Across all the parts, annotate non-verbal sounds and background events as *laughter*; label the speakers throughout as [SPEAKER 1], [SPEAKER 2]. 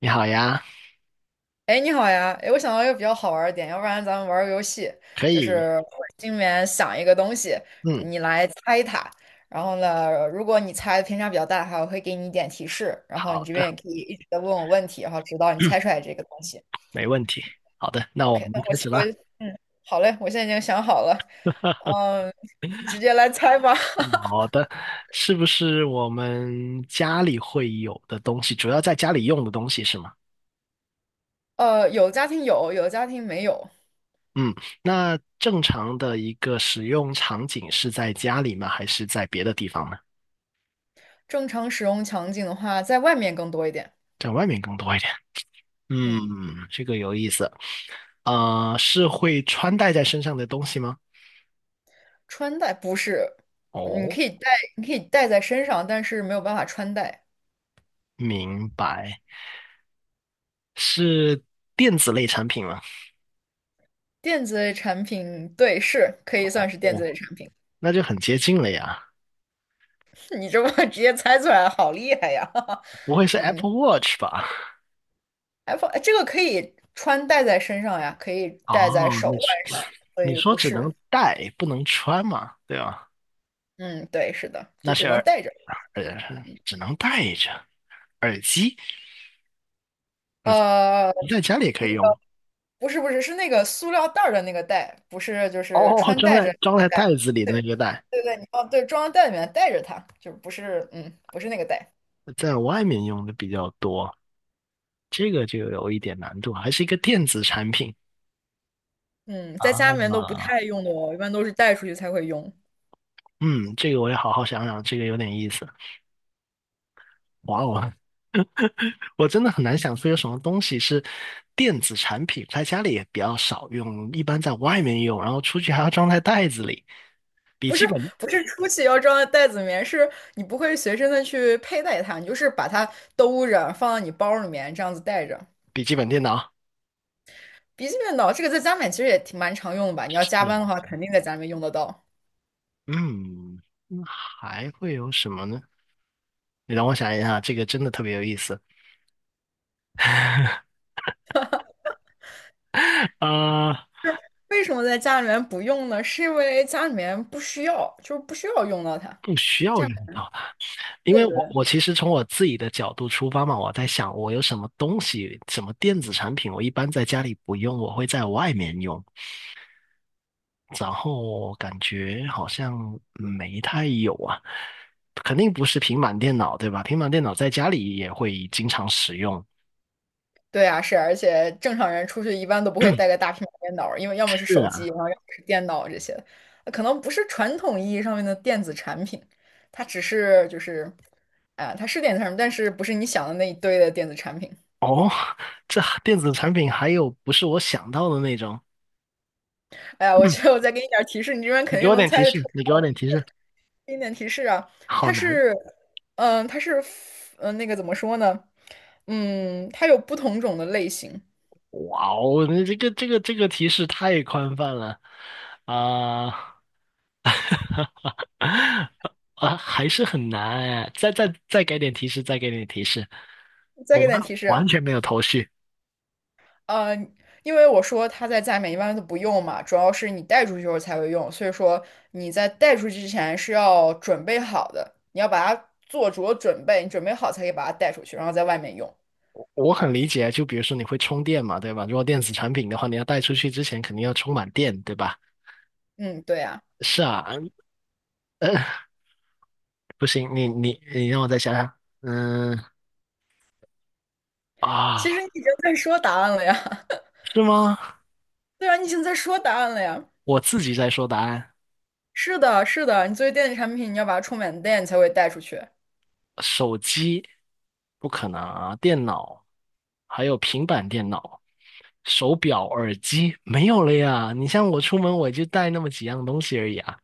[SPEAKER 1] 你好呀。
[SPEAKER 2] 哎，你好呀！哎，我想到一个比较好玩儿的点，要不然咱们玩儿个游戏，
[SPEAKER 1] 可
[SPEAKER 2] 就
[SPEAKER 1] 以。
[SPEAKER 2] 是我心里面想一个东西，
[SPEAKER 1] 嗯。
[SPEAKER 2] 你来猜它。然后呢，如果你猜的偏差比较大的话，我会给你一点提示，然后
[SPEAKER 1] 好
[SPEAKER 2] 你这边也
[SPEAKER 1] 的，
[SPEAKER 2] 可以一直在问我问题，然后直到你猜出来这个东西。
[SPEAKER 1] 没问题，好的，那我
[SPEAKER 2] OK，
[SPEAKER 1] 们
[SPEAKER 2] 那我
[SPEAKER 1] 开
[SPEAKER 2] 其
[SPEAKER 1] 始了。
[SPEAKER 2] 实好嘞，我现在已经想好了，
[SPEAKER 1] *laughs*
[SPEAKER 2] 嗯，你直接来猜吧。*laughs*
[SPEAKER 1] 好的，是不是我们家里会有的东西，主要在家里用的东西是吗？
[SPEAKER 2] 有的家庭有，有的家庭没有。
[SPEAKER 1] 嗯，那正常的一个使用场景是在家里吗？还是在别的地方呢？
[SPEAKER 2] 正常使用场景的话，在外面更多一点。
[SPEAKER 1] 在外面更多一点。
[SPEAKER 2] 嗯。
[SPEAKER 1] 嗯，这个有意思。啊，是会穿戴在身上的东西吗？
[SPEAKER 2] 穿戴不是，嗯你
[SPEAKER 1] 哦，
[SPEAKER 2] 可以带，你可以带在身上，但是没有办法穿戴。
[SPEAKER 1] 明白。是电子类产品吗？
[SPEAKER 2] 电子类产品，对，是可以算是电子
[SPEAKER 1] 哦。
[SPEAKER 2] 类产品。
[SPEAKER 1] 那就很接近了呀，
[SPEAKER 2] *laughs* 你这么直接猜出来，好厉害呀！
[SPEAKER 1] 不会
[SPEAKER 2] *laughs*
[SPEAKER 1] 是 Apple
[SPEAKER 2] 嗯
[SPEAKER 1] Watch 吧？
[SPEAKER 2] ，iPhone 这个可以穿戴在身上呀，可以戴在
[SPEAKER 1] 哦，
[SPEAKER 2] 手
[SPEAKER 1] 你
[SPEAKER 2] 腕
[SPEAKER 1] 说
[SPEAKER 2] 上，所
[SPEAKER 1] 你
[SPEAKER 2] 以
[SPEAKER 1] 说
[SPEAKER 2] 不
[SPEAKER 1] 只
[SPEAKER 2] 是。
[SPEAKER 1] 能戴不能穿嘛，对吧？
[SPEAKER 2] 嗯，对，是的，就
[SPEAKER 1] 那是
[SPEAKER 2] 只能
[SPEAKER 1] 耳
[SPEAKER 2] 戴着。
[SPEAKER 1] 耳只能戴着耳机，耳
[SPEAKER 2] 呃，
[SPEAKER 1] 机在家里也可
[SPEAKER 2] 那
[SPEAKER 1] 以用
[SPEAKER 2] 个不是不是，是那个塑料袋儿的那个袋，不是就是
[SPEAKER 1] 哦。
[SPEAKER 2] 穿
[SPEAKER 1] 装
[SPEAKER 2] 戴着
[SPEAKER 1] 在
[SPEAKER 2] 那个袋。
[SPEAKER 1] 袋子里的那
[SPEAKER 2] 对
[SPEAKER 1] 个袋，
[SPEAKER 2] 对对，你要对装到袋里面带着它，就不是不是那个袋。
[SPEAKER 1] 在外面用的比较多，这个就有一点难度，还是一个电子产品
[SPEAKER 2] 嗯，在家里面都不
[SPEAKER 1] 啊。
[SPEAKER 2] 太用的哦，一般都是带出去才会用。
[SPEAKER 1] 嗯，这个我也好好想想，这个有点意思。哇哦，我真的很难想出有什么东西是电子产品，在家里也比较少用，一般在外面用，然后出去还要装在袋子里。笔
[SPEAKER 2] 不是
[SPEAKER 1] 记本，
[SPEAKER 2] 不是出去要装在袋子里面，是你不会随身的去佩戴它，你就是把它兜着放到你包里面这样子带着。
[SPEAKER 1] 笔记本电脑，
[SPEAKER 2] 笔记本刀这个在家里面其实也挺蛮常用的吧？你要加
[SPEAKER 1] 是
[SPEAKER 2] 班
[SPEAKER 1] 的。
[SPEAKER 2] 的话，肯定在家里面用得到。
[SPEAKER 1] 嗯，那还会有什么呢？你让我想一下，这个真的特别有意思。*laughs* 呃，
[SPEAKER 2] 为什么在家里面不用呢？是因为家里面不需要，就是不需要用到它。
[SPEAKER 1] 不需要
[SPEAKER 2] 家里
[SPEAKER 1] 用
[SPEAKER 2] 面
[SPEAKER 1] 到它，因为
[SPEAKER 2] 对
[SPEAKER 1] 我
[SPEAKER 2] 对。
[SPEAKER 1] 我其实从我自己的角度出发嘛，我在想我有什么东西，什么电子产品，我一般在家里不用，我会在外面用。然后感觉好像没太有啊，肯定不是平板电脑，对吧？平板电脑在家里也会经常使用。
[SPEAKER 2] 对啊，是，而且正常人出去一般都不会带个大平板电脑，因为要么是
[SPEAKER 1] 是
[SPEAKER 2] 手机，然
[SPEAKER 1] 啊。
[SPEAKER 2] 后要么是电脑这些，可能不是传统意义上面的电子产品，它只是就是，啊、它是电子产品，但是不是你想的那一堆的电子产品。
[SPEAKER 1] 哦，*laughs* 这电子产品还有不是我想到的那种。
[SPEAKER 2] 哎呀，我
[SPEAKER 1] 嗯，
[SPEAKER 2] 觉得我再给你点儿提示，你这边
[SPEAKER 1] 你
[SPEAKER 2] 肯
[SPEAKER 1] 给
[SPEAKER 2] 定
[SPEAKER 1] 我
[SPEAKER 2] 能
[SPEAKER 1] 点提
[SPEAKER 2] 猜得出
[SPEAKER 1] 示，
[SPEAKER 2] 来。给你点提示啊，
[SPEAKER 1] 好
[SPEAKER 2] 它
[SPEAKER 1] 难。
[SPEAKER 2] 是，嗯、它是，那个怎么说呢？它有不同种的类型。
[SPEAKER 1] 哇哦，那这个提示太宽泛了啊！*laughs* 啊，还是很难哎。再给点提示，
[SPEAKER 2] 再
[SPEAKER 1] 我
[SPEAKER 2] 给点
[SPEAKER 1] 完
[SPEAKER 2] 提示啊，
[SPEAKER 1] 完全没有头绪。
[SPEAKER 2] 呃，因为我说它在家里面一般都不用嘛，主要是你带出去时候才会用，所以说你在带出去之前是要准备好的，你要把它做足准备，你准备好才可以把它带出去，然后在外面用。
[SPEAKER 1] 我很理解，就比如说你会充电嘛，对吧？如果电子产品的话，你要带出去之前肯定要充满电，对吧？
[SPEAKER 2] 嗯，对呀，
[SPEAKER 1] 是啊。呃，不行，你让我再想想。嗯，啊，
[SPEAKER 2] 其实你已经在说答案了呀，
[SPEAKER 1] 是吗？
[SPEAKER 2] *laughs* 对啊，你已经在说答案了呀。
[SPEAKER 1] 我自己在说答案。
[SPEAKER 2] 是的，是的，你作为电子产品，你要把它充满电，你才会带出去。
[SPEAKER 1] 手机不可能啊，电脑还有平板电脑、手表、耳机没有了呀。你像我出门我就带那么几样东西而已啊。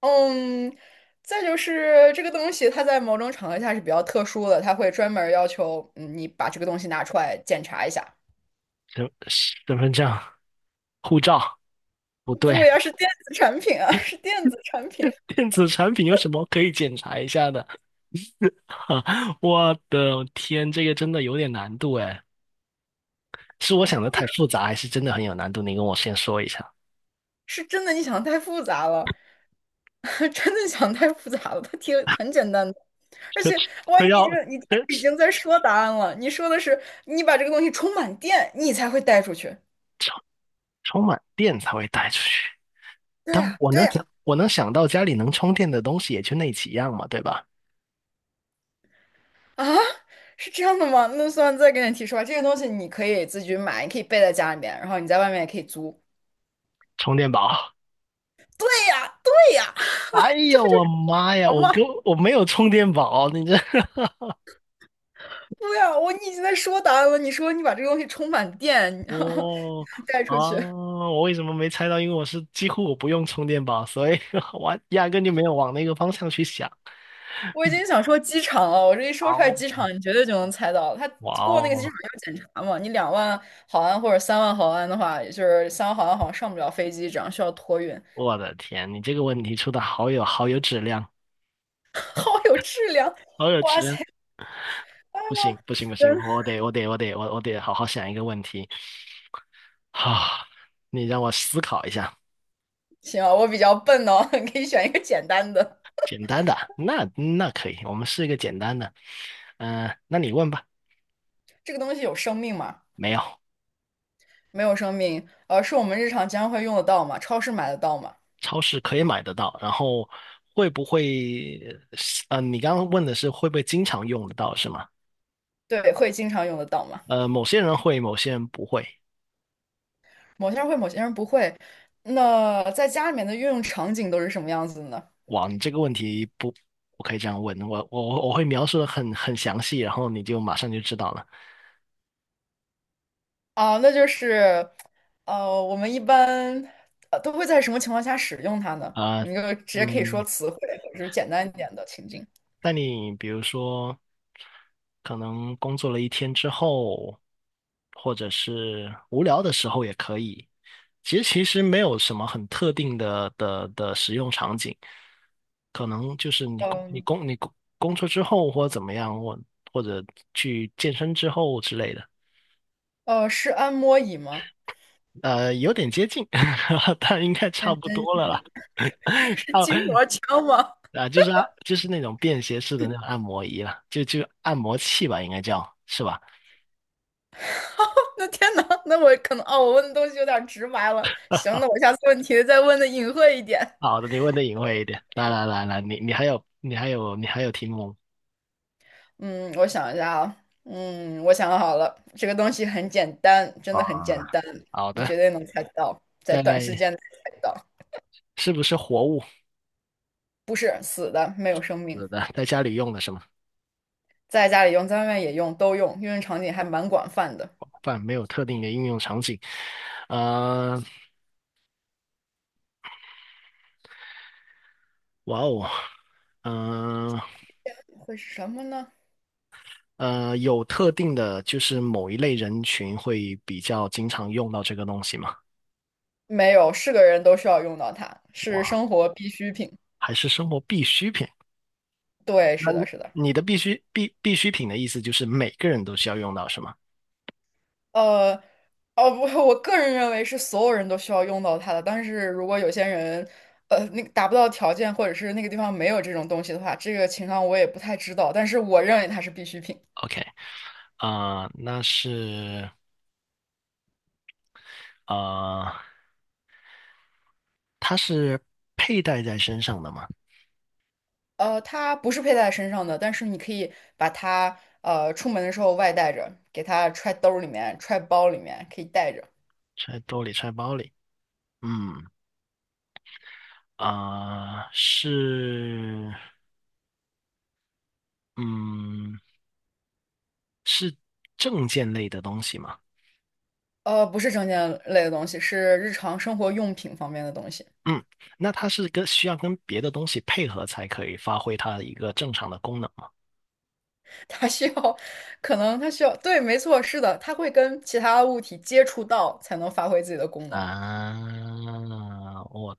[SPEAKER 2] 嗯，再就是这个东西，它在某种场合下是比较特殊的，它会专门儿要求你把这个东西拿出来检查一下。
[SPEAKER 1] 身身份证、护照，不对。
[SPEAKER 2] 不呀，是电子产品啊，是电子产品，
[SPEAKER 1] *laughs* 电子产品有什么可以检查一下的？*laughs* 我的天，这个真的有点难度哎，是我想的太复杂，还是真的很有难度？你跟我先说一下。
[SPEAKER 2] 是真的。你想太复杂了，*laughs* 真的想太复杂了。它题很简单的，而
[SPEAKER 1] 这
[SPEAKER 2] 且哇，
[SPEAKER 1] 这要这
[SPEAKER 2] 你已经在说答案了。你说的是你把这个东西充满电，你才会带出去。
[SPEAKER 1] 充满电才会带出去，
[SPEAKER 2] 对
[SPEAKER 1] 但
[SPEAKER 2] 呀，
[SPEAKER 1] 我
[SPEAKER 2] 对
[SPEAKER 1] 能
[SPEAKER 2] 呀，
[SPEAKER 1] 想我能想到家里能充电的东西也就那几样嘛，对吧？
[SPEAKER 2] 啊，是这样的吗？那算了，再给你提示吧。这个东西你可以自己买，你可以备在家里面，然后你在外面也可以租。
[SPEAKER 1] 充电宝。
[SPEAKER 2] 对呀，
[SPEAKER 1] 哎
[SPEAKER 2] *laughs* 这
[SPEAKER 1] 呀，
[SPEAKER 2] 不就
[SPEAKER 1] 我
[SPEAKER 2] 是
[SPEAKER 1] 妈呀，
[SPEAKER 2] 好吗？
[SPEAKER 1] 我没有充电宝，你这
[SPEAKER 2] 对呀，你已经在说答案了。你说你把这个东西充满电，
[SPEAKER 1] *laughs*
[SPEAKER 2] 然后
[SPEAKER 1] 哦，
[SPEAKER 2] *laughs* 带
[SPEAKER 1] 啊，
[SPEAKER 2] 出去。
[SPEAKER 1] 我为什么没猜到？因为我是几乎我不用充电宝，所以 *laughs* 我压根就没有往那个方向去想。
[SPEAKER 2] 我已经想说机场了，我这一说出来
[SPEAKER 1] 好。
[SPEAKER 2] 机场，你绝对就能猜到。他
[SPEAKER 1] 哇
[SPEAKER 2] 过那个机
[SPEAKER 1] 哦。
[SPEAKER 2] 场要检查嘛，你2万毫安或者三万毫安的话，也就是三万毫安好像上不了飞机，这样需要托运。
[SPEAKER 1] 我的天，你这个问题出的好有质量，
[SPEAKER 2] *laughs* 好有质量，
[SPEAKER 1] 好有质
[SPEAKER 2] 哇
[SPEAKER 1] 量！
[SPEAKER 2] 塞！啊，
[SPEAKER 1] 不行不行不行，
[SPEAKER 2] 真
[SPEAKER 1] 我我得好好想一个问题。好，你让我思考一下。
[SPEAKER 2] 行啊，我比较笨哦，*laughs* 你可以选一个简单的。
[SPEAKER 1] 简单的，那那可以，我们试一个简单的。那你问吧。
[SPEAKER 2] 这个东西有生命吗？
[SPEAKER 1] 没有。
[SPEAKER 2] 没有生命，是我们日常经常会用得到吗？超市买得到吗？
[SPEAKER 1] 超市可以买得到，然后会不会？你刚刚问的是会不会经常用得到是吗？
[SPEAKER 2] 对，会经常用得到吗？
[SPEAKER 1] 呃，某些人会，某些人不会。
[SPEAKER 2] 某些人会，某些人不会。那在家里面的运用场景都是什么样子的呢？
[SPEAKER 1] 哇，你这个问题不我可以这样问，我我会描述的很详细，然后你就马上就知道了
[SPEAKER 2] 啊，那就是，我们一般都会在什么情况下使用它呢？
[SPEAKER 1] 啊。
[SPEAKER 2] 你就直接可以说
[SPEAKER 1] 嗯，
[SPEAKER 2] 词汇，或者是简单一点的情境。
[SPEAKER 1] 那你比如说，可能工作了一天之后，或者是无聊的时候也可以，其实没有什么很特定的的使用场景，可能就是你工你
[SPEAKER 2] 嗯，
[SPEAKER 1] 工你工工作之后或者怎么样，或者去健身之后之类的。
[SPEAKER 2] 是按摩椅吗？
[SPEAKER 1] 呃，有点接近，*laughs* 但应该差
[SPEAKER 2] 认
[SPEAKER 1] 不
[SPEAKER 2] 真
[SPEAKER 1] 多了啦。
[SPEAKER 2] *laughs* 是
[SPEAKER 1] 哦，
[SPEAKER 2] 筋膜枪吗？
[SPEAKER 1] 啊，就是啊，就是那种便携式的那种按摩仪了，就按摩器吧，应该叫是吧？
[SPEAKER 2] *laughs* 那天呐，那我可能哦，我问的东西有点直白了。行，那我下次问题再问的隐晦一点。
[SPEAKER 1] 好的，你问的隐晦一点。来来来来，你还有题目
[SPEAKER 2] 嗯，我想一下啊，我想好了，这个东西很简单，真
[SPEAKER 1] 啊？
[SPEAKER 2] 的很简单，
[SPEAKER 1] 好
[SPEAKER 2] 你
[SPEAKER 1] 的。
[SPEAKER 2] 绝对能猜到，在短时
[SPEAKER 1] 在
[SPEAKER 2] 间内猜到，
[SPEAKER 1] 是不是活物？
[SPEAKER 2] 不是死的，没有生命。
[SPEAKER 1] 是的。在家里用的是吗？
[SPEAKER 2] 在家里用，在外面也用，都用，应用场景还蛮广泛的。
[SPEAKER 1] 饭没有特定的应用场景。呃，哇哦。嗯、
[SPEAKER 2] 会是什么呢？
[SPEAKER 1] 呃，有特定的，就是某一类人群会比较经常用到这个东西吗？
[SPEAKER 2] 没有，是个人都需要用到它，是
[SPEAKER 1] 哇，
[SPEAKER 2] 生活必需品。
[SPEAKER 1] 还是生活必需品？
[SPEAKER 2] 对，
[SPEAKER 1] 那
[SPEAKER 2] 是
[SPEAKER 1] 你
[SPEAKER 2] 的，是的。
[SPEAKER 1] 你的必需品的意思就是每个人都需要用到，是吗
[SPEAKER 2] 呃，哦不，我个人认为是所有人都需要用到它的，但是如果有些人，那个达不到条件，或者是那个地方没有这种东西的话，这个情况我也不太知道，但是我认为它是必需品。
[SPEAKER 1] ？OK。啊、那是呃，它是佩戴在身上的吗？
[SPEAKER 2] 它不是佩戴在身上的，但是你可以把它出门的时候外带着，给它揣兜儿里面、揣包里面，可以带着。
[SPEAKER 1] 揣兜里，揣包里。嗯，啊、是，嗯，是证件类的东西吗？
[SPEAKER 2] 不是证件类的东西，是日常生活用品方面的东西。
[SPEAKER 1] 嗯，那它是需要跟别的东西配合才可以发挥它的一个正常的功能吗？
[SPEAKER 2] *laughs* 它需要，可能它需要，对，没错，是的，它会跟其他物体接触到才能发挥自己的功能。
[SPEAKER 1] 啊，我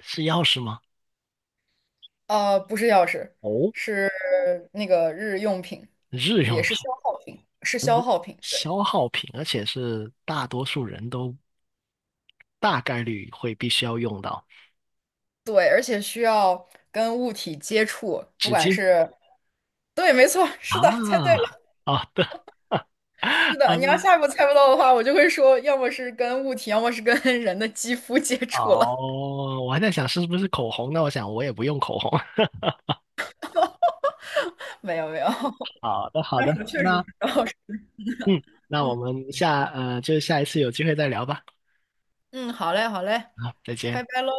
[SPEAKER 1] 是钥匙吗？
[SPEAKER 2] 不是钥匙，
[SPEAKER 1] 哦，
[SPEAKER 2] 是那个日用品，
[SPEAKER 1] 日
[SPEAKER 2] 也
[SPEAKER 1] 用品，
[SPEAKER 2] 是消耗品，是消
[SPEAKER 1] 日
[SPEAKER 2] 耗品，对
[SPEAKER 1] 消耗品，而且是大多数人都大概率会必须要用到
[SPEAKER 2] 对，而且需要跟物体接触，不
[SPEAKER 1] 纸
[SPEAKER 2] 管
[SPEAKER 1] 巾
[SPEAKER 2] 是，对，没错，是的，猜对
[SPEAKER 1] 啊。
[SPEAKER 2] 了，
[SPEAKER 1] 好的，*laughs*
[SPEAKER 2] 是的。
[SPEAKER 1] 好
[SPEAKER 2] 你要
[SPEAKER 1] 的。
[SPEAKER 2] 下一步猜不到的话，我就会说，要么是跟物体，要么是跟人的肌肤接触了。
[SPEAKER 1] 哦，我还在想是不是口红，那我想我也不用口红。*laughs*
[SPEAKER 2] 没有没有，*laughs*
[SPEAKER 1] 好的，好
[SPEAKER 2] 但
[SPEAKER 1] 的，
[SPEAKER 2] 是我确实是知
[SPEAKER 1] 那
[SPEAKER 2] 道。
[SPEAKER 1] 嗯，那我们下一次有机会再聊吧。
[SPEAKER 2] 嗯，好嘞好嘞，
[SPEAKER 1] 好，再
[SPEAKER 2] 拜
[SPEAKER 1] 见。
[SPEAKER 2] 拜喽。